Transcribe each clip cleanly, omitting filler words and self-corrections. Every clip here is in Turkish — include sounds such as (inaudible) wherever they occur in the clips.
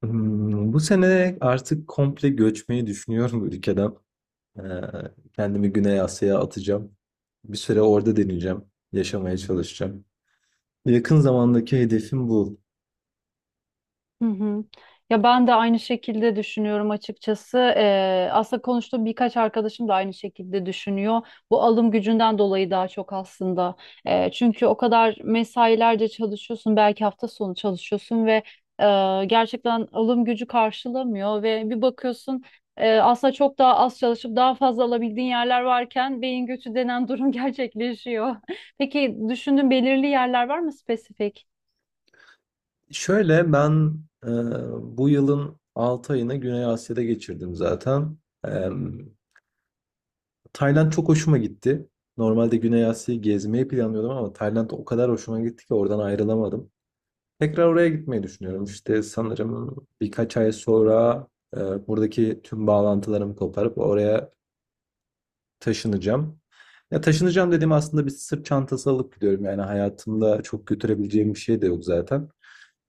Bu sene artık komple göçmeyi düşünüyorum ülkeden. Ee, Kendimi Güney Asya'ya atacağım. Bir süre orada deneyeceğim. Yaşamaya çalışacağım. Yakın zamandaki hedefim bu. Hı hı. Ya ben de aynı şekilde düşünüyorum açıkçası. Aslında konuştuğum birkaç arkadaşım da aynı şekilde düşünüyor. Bu alım gücünden dolayı daha çok aslında. Çünkü o kadar mesailerce çalışıyorsun, belki hafta sonu çalışıyorsun ve gerçekten alım gücü karşılamıyor ve bir bakıyorsun aslında çok daha az çalışıp daha fazla alabildiğin yerler varken beyin göçü denen durum (laughs) gerçekleşiyor. Peki düşündüğün belirli yerler var mı spesifik? Şöyle ben e, bu yılın 6 ayını Güney Asya'da geçirdim zaten. Ee, Tayland çok hoşuma gitti. Normalde Güney Asya'yı gezmeyi planlıyordum ama Tayland o kadar hoşuma gitti ki oradan ayrılamadım. Tekrar oraya gitmeyi düşünüyorum. İşte sanırım birkaç ay sonra buradaki tüm bağlantılarımı koparıp oraya taşınacağım. Ya taşınacağım dediğim aslında bir sırt çantası alıp gidiyorum. Yani hayatımda çok götürebileceğim bir şey de yok zaten.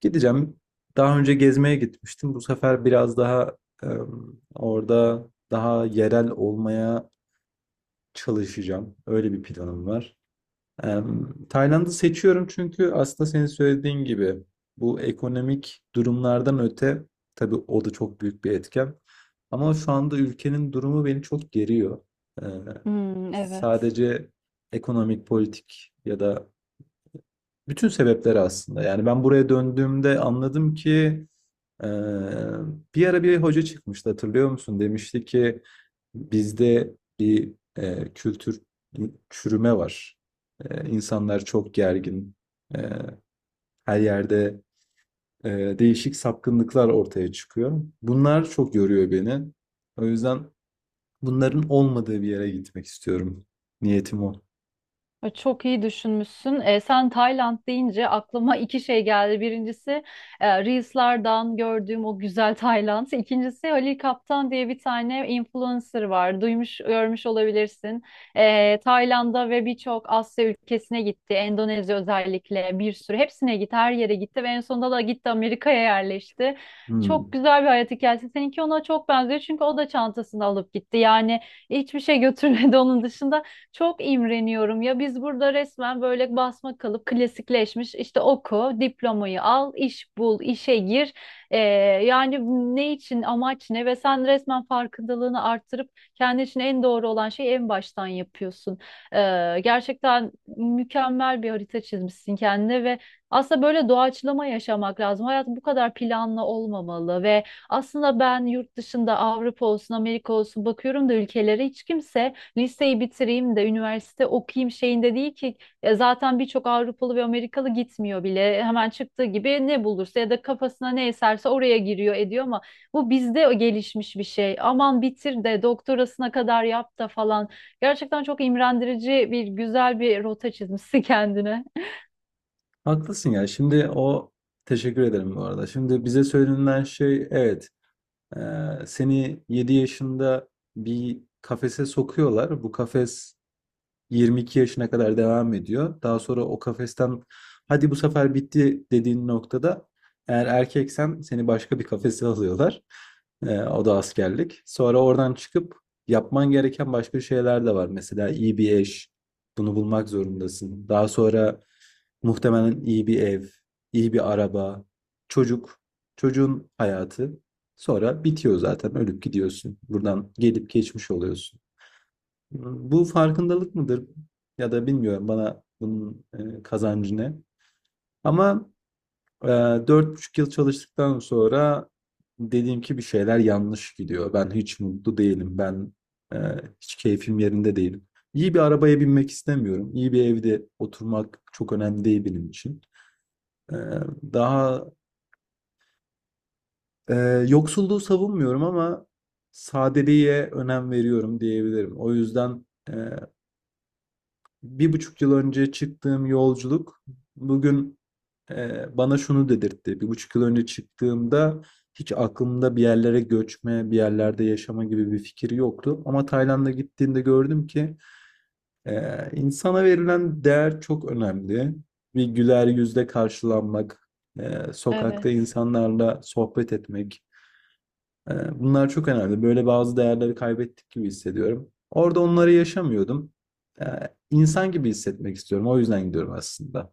Gideceğim. Daha önce gezmeye gitmiştim. Bu sefer biraz daha e, orada daha yerel olmaya çalışacağım. Öyle bir planım var. Tayland'ı seçiyorum çünkü aslında senin söylediğin gibi bu ekonomik durumlardan öte, tabii o da çok büyük bir etken. Ama şu anda ülkenin durumu beni çok geriyor. Ee, Hmm, evet. sadece ekonomik, politik ya da bütün sebepleri aslında. Yani ben buraya döndüğümde anladım ki Ee, bir ara bir hoca çıkmıştı, hatırlıyor musun? Demişti ki bizde bir kültür çürüme var. İnsanlar çok gergin. Ee, her yerde e, değişik sapkınlıklar ortaya çıkıyor. Bunlar çok yoruyor beni. O yüzden bunların olmadığı bir yere gitmek istiyorum. Niyetim o. Çok iyi düşünmüşsün. Sen Tayland deyince aklıma iki şey geldi. Birincisi Reels'lardan gördüğüm o güzel Tayland. İkincisi Halil Kaptan diye bir tane influencer var. Duymuş, görmüş olabilirsin. Tayland'a ve birçok Asya ülkesine gitti. Endonezya özellikle bir sürü. Hepsine gitti, her yere gitti ve en sonunda da gitti Amerika'ya yerleşti. Çok Hmm. güzel bir hayat hikayesi. Seninki ona çok benziyor çünkü o da çantasını alıp gitti. Yani hiçbir şey götürmedi (laughs) onun dışında. Çok imreniyorum ya biz burada resmen böyle basma kalıp klasikleşmiş işte oku, diplomayı al, iş bul, işe gir. Ee, Yani ne için, amaç ne ve sen resmen farkındalığını arttırıp kendi için en doğru olan şeyi en baştan yapıyorsun. Gerçekten mükemmel bir harita çizmişsin kendine ve aslında böyle doğaçlama yaşamak lazım. Hayat bu kadar planlı olmamalı ve aslında ben yurt dışında Avrupa olsun, Amerika olsun bakıyorum da ülkelere hiç kimse liseyi bitireyim de üniversite okuyayım şeyinde değil ki. Zaten birçok Avrupalı ve Amerikalı gitmiyor bile. Hemen çıktığı gibi ne bulursa ya da kafasına ne eserse oraya giriyor ediyor ama bu bizde gelişmiş bir şey. Aman bitir de doktorasına kadar yap da falan. Gerçekten çok imrendirici bir güzel bir rota çizmişsin (laughs) kendine. Haklısın ya. Şimdi o, teşekkür ederim bu arada. Şimdi bize söylenen şey, evet, seni 7 yaşında bir kafese sokuyorlar. Bu kafes 22 yaşına kadar devam ediyor. Daha sonra o kafesten, hadi bu sefer bitti dediğin noktada, eğer erkeksen seni başka bir kafese (laughs) alıyorlar. O da askerlik. Sonra oradan çıkıp yapman gereken başka şeyler de var. Mesela iyi bir eş. Bunu bulmak zorundasın. Daha sonra muhtemelen iyi bir ev, iyi bir araba, çocuk, çocuğun hayatı. Sonra bitiyor zaten. Ölüp gidiyorsun. Buradan gelip geçmiş oluyorsun. Bu farkındalık mıdır ya da bilmiyorum, bana bunun kazancı ne. Ama e, 4,5 yıl çalıştıktan sonra dediğim ki bir şeyler yanlış gidiyor. Ben hiç mutlu değilim. Ben e, hiç keyfim yerinde değil. İyi bir arabaya binmek istemiyorum. İyi bir evde oturmak çok önemli değil benim için. E, daha e, yoksulluğu savunmuyorum ama sadeliğe önem veriyorum diyebilirim. O yüzden... e, 1,5 yıl önce çıktığım yolculuk bugün bana şunu dedirtti. 1,5 yıl önce çıktığımda hiç aklımda bir yerlere göçme, bir yerlerde yaşama gibi bir fikir yoktu. Ama Tayland'a gittiğimde gördüm ki e, insana verilen değer çok önemli. Bir güler yüzle karşılanmak, sokakta Evet. insanlarla sohbet etmek, bunlar çok önemli. Böyle bazı değerleri kaybettik gibi hissediyorum. Orada onları yaşamıyordum. Ee, İnsan gibi hissetmek istiyorum. O yüzden gidiyorum aslında.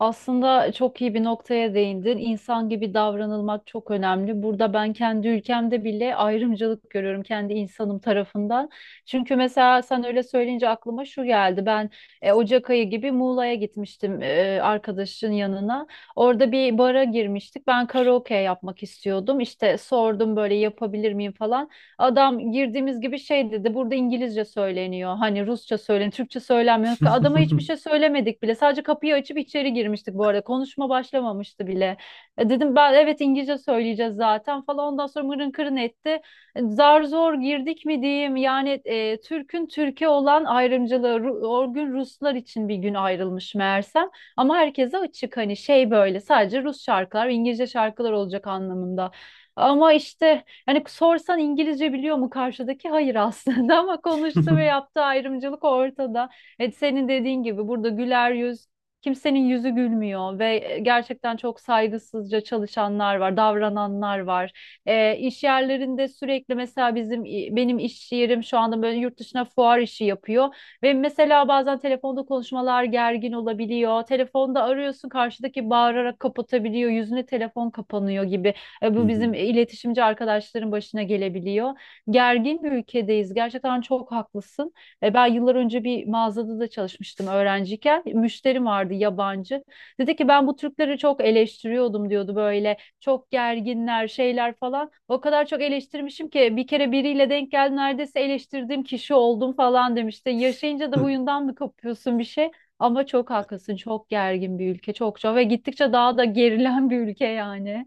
Aslında çok iyi bir noktaya değindin. İnsan gibi davranılmak çok önemli. Burada ben kendi ülkemde bile ayrımcılık görüyorum kendi insanım tarafından. Çünkü mesela sen öyle söyleyince aklıma şu geldi. Ben Ocak ayı gibi Muğla'ya gitmiştim arkadaşın yanına. Orada bir bara girmiştik. Ben karaoke yapmak istiyordum. İşte sordum böyle yapabilir miyim falan. Adam girdiğimiz gibi şey dedi. Burada İngilizce söyleniyor. Hani Rusça söyleniyor. Türkçe söylenmiyor. Adama hiçbir şey söylemedik bile. Sadece kapıyı açıp içeri girmiştik bu arada. Konuşma başlamamıştı bile. Dedim ben evet İngilizce söyleyeceğiz zaten falan. Ondan sonra mırın kırın etti. Zar zor girdik mi diyeyim. Yani Türk'ün Türkiye olan ayrımcılığı. O gün Ruslar için bir gün ayrılmış meğersem. Ama herkese açık hani şey böyle sadece Rus şarkılar, İngilizce şarkılar olacak anlamında. Ama işte hani sorsan İngilizce biliyor mu karşıdaki? Hayır aslında (laughs) ama konuştu ve yaptığı (laughs) ayrımcılık ortada. Evet, senin dediğin gibi burada güler yüz, kimsenin yüzü gülmüyor ve gerçekten çok saygısızca çalışanlar var, davrananlar var. İş yerlerinde sürekli mesela benim iş yerim şu anda böyle yurt dışına fuar işi yapıyor ve mesela bazen telefonda konuşmalar gergin olabiliyor. Telefonda arıyorsun karşıdaki bağırarak kapatabiliyor, yüzüne telefon kapanıyor gibi. Bu bizim iletişimci arkadaşların başına gelebiliyor. Gergin bir ülkedeyiz. Gerçekten çok haklısın. Ben yıllar önce bir mağazada da çalışmıştım öğrenciyken. Müşterim vardı yabancı. Dedi ki ben bu Türkleri çok eleştiriyordum diyordu böyle. Çok gerginler şeyler falan. O kadar çok eleştirmişim ki bir kere biriyle denk geldi neredeyse eleştirdiğim kişi oldum falan demişti. Yaşayınca da huyundan mı kapıyorsun bir şey? Ama çok haklısın. Çok gergin bir ülke. Çok çok ve gittikçe daha da gerilen bir ülke yani.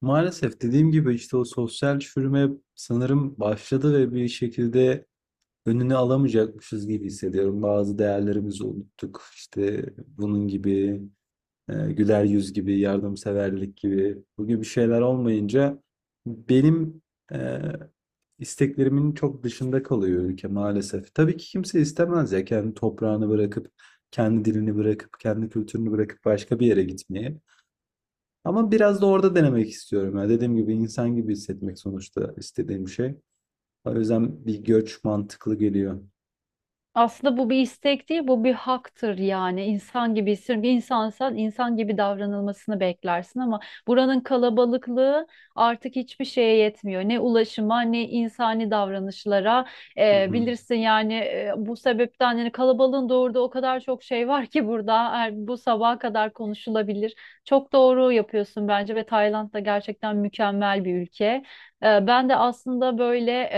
Maalesef dediğim gibi işte o sosyal çürüme sanırım başladı ve bir şekilde önünü alamayacakmışız gibi hissediyorum. Bazı değerlerimizi unuttuk. İşte bunun gibi güler yüz gibi, yardımseverlik gibi, bu gibi şeyler olmayınca benim e, isteklerimin çok dışında kalıyor ülke maalesef. Tabii ki kimse istemez ya kendi toprağını bırakıp, kendi dilini bırakıp, kendi kültürünü bırakıp başka bir yere gitmeyi. Ama biraz da orada denemek istiyorum. Ya dediğim gibi insan gibi hissetmek sonuçta istediğim şey. O yüzden bir göç mantıklı geliyor. Aslında bu bir istek değil, bu bir haktır yani. İnsan gibi hissediyorum. Bir insansan insan gibi davranılmasını beklersin ama buranın kalabalıklığı artık hiçbir şeye yetmiyor. Ne ulaşıma ne insani davranışlara. Hı Bilirsin yani bu sebepten yani kalabalığın doğurduğu o kadar çok şey var ki burada her- bu sabaha kadar konuşulabilir. Çok doğru yapıyorsun bence ve Tayland da gerçekten mükemmel bir ülke. Ben de aslında böyle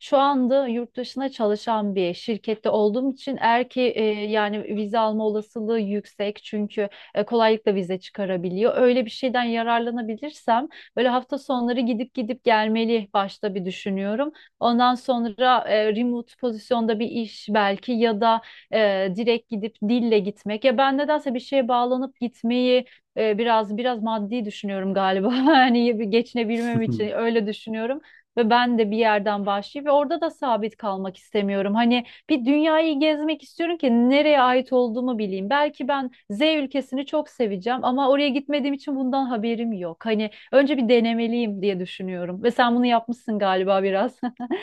şu anda yurt dışına çalışan bir şirkette olduğum için eğer ki yani vize alma olasılığı yüksek çünkü kolaylıkla vize çıkarabiliyor. Öyle bir şeyden yararlanabilirsem böyle hafta sonları gidip gidip gelmeli başta bir düşünüyorum. Ondan sonra remote pozisyonda bir iş belki ya da e, direkt gidip dille gitmek. Ya ben nedense bir şeye bağlanıp gitmeyi biraz maddi düşünüyorum galiba. (laughs) Hani geçinebilmem hı. için (laughs) öyle düşünüyorum ve ben de bir yerden başlayıp ve orada da sabit kalmak istemiyorum. Hani bir dünyayı gezmek istiyorum ki nereye ait olduğumu bileyim. Belki ben Z ülkesini çok seveceğim ama oraya gitmediğim için bundan haberim yok. Hani önce bir denemeliyim diye düşünüyorum. Ve sen bunu yapmışsın galiba biraz. (laughs)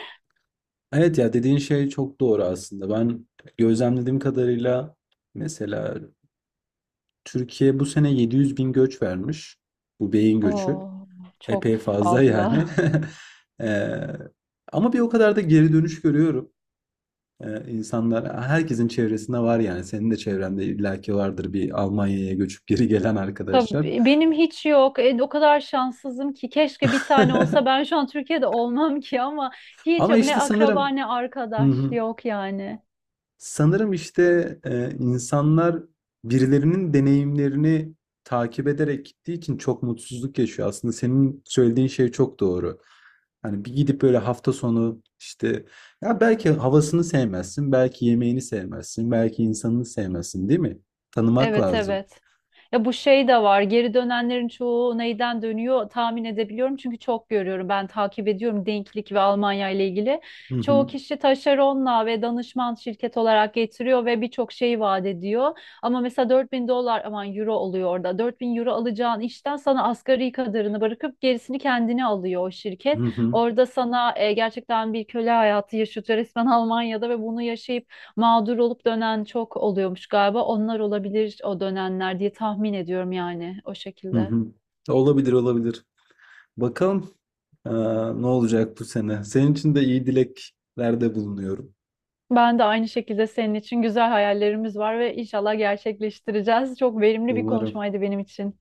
Evet, ya dediğin şey çok doğru aslında. Ben gözlemlediğim kadarıyla mesela Türkiye bu sene 700 bin göç vermiş. Bu beyin göçü. Oo, çok Epey fazla yani. (laughs) fazla. Ee, ama bir o kadar da geri dönüş görüyorum. İnsanlar herkesin çevresinde var yani. Senin de çevrende illaki vardır bir Almanya'ya göçüp geri gelen arkadaşlar. Tabii benim hiç yok. O kadar şanssızım ki keşke bir tane olsa ben (laughs) şu an Türkiye'de olmam ki ama hiç Ama yok. Ne işte akraba sanırım. ne Hı arkadaş hı. yok yani. Sanırım işte, insanlar birilerinin deneyimlerini takip ederek gittiği için çok mutsuzluk yaşıyor. Aslında senin söylediğin şey çok doğru. Hani bir gidip böyle hafta sonu, işte, ya belki havasını sevmezsin, belki yemeğini sevmezsin, belki insanını sevmezsin, değil mi? Tanımak Evet, lazım. evet. Ya bu şey de var. Geri dönenlerin çoğu neyden dönüyor tahmin edebiliyorum. Çünkü çok görüyorum. Ben takip ediyorum denklik ve Almanya ile ilgili. Hı Çoğu hı. kişi taşeronla ve danışman şirket olarak getiriyor ve birçok şey vaat ediyor. Ama mesela 4.000 dolar aman euro oluyor orada. 4.000 euro alacağın işten sana asgari kadarını bırakıp gerisini kendine alıyor o Hı şirket. hı. Orada sana gerçekten bir köle hayatı yaşatıyor resmen Almanya'da ve bunu yaşayıp mağdur olup dönen çok oluyormuş galiba. Onlar olabilir o dönenler diye tahmin ediyorum yani o Hı şekilde. hı. Olabilir, olabilir. Bakalım, eee, ne olacak bu sene. Senin için de iyi dileklerde bulunuyorum. Ben de aynı şekilde senin için güzel hayallerimiz var ve inşallah gerçekleştireceğiz. Çok verimli bir Umarım. konuşmaydı benim için.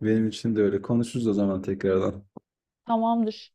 Benim için de öyle. Konuşuruz o zaman tekrardan. Tamamdır.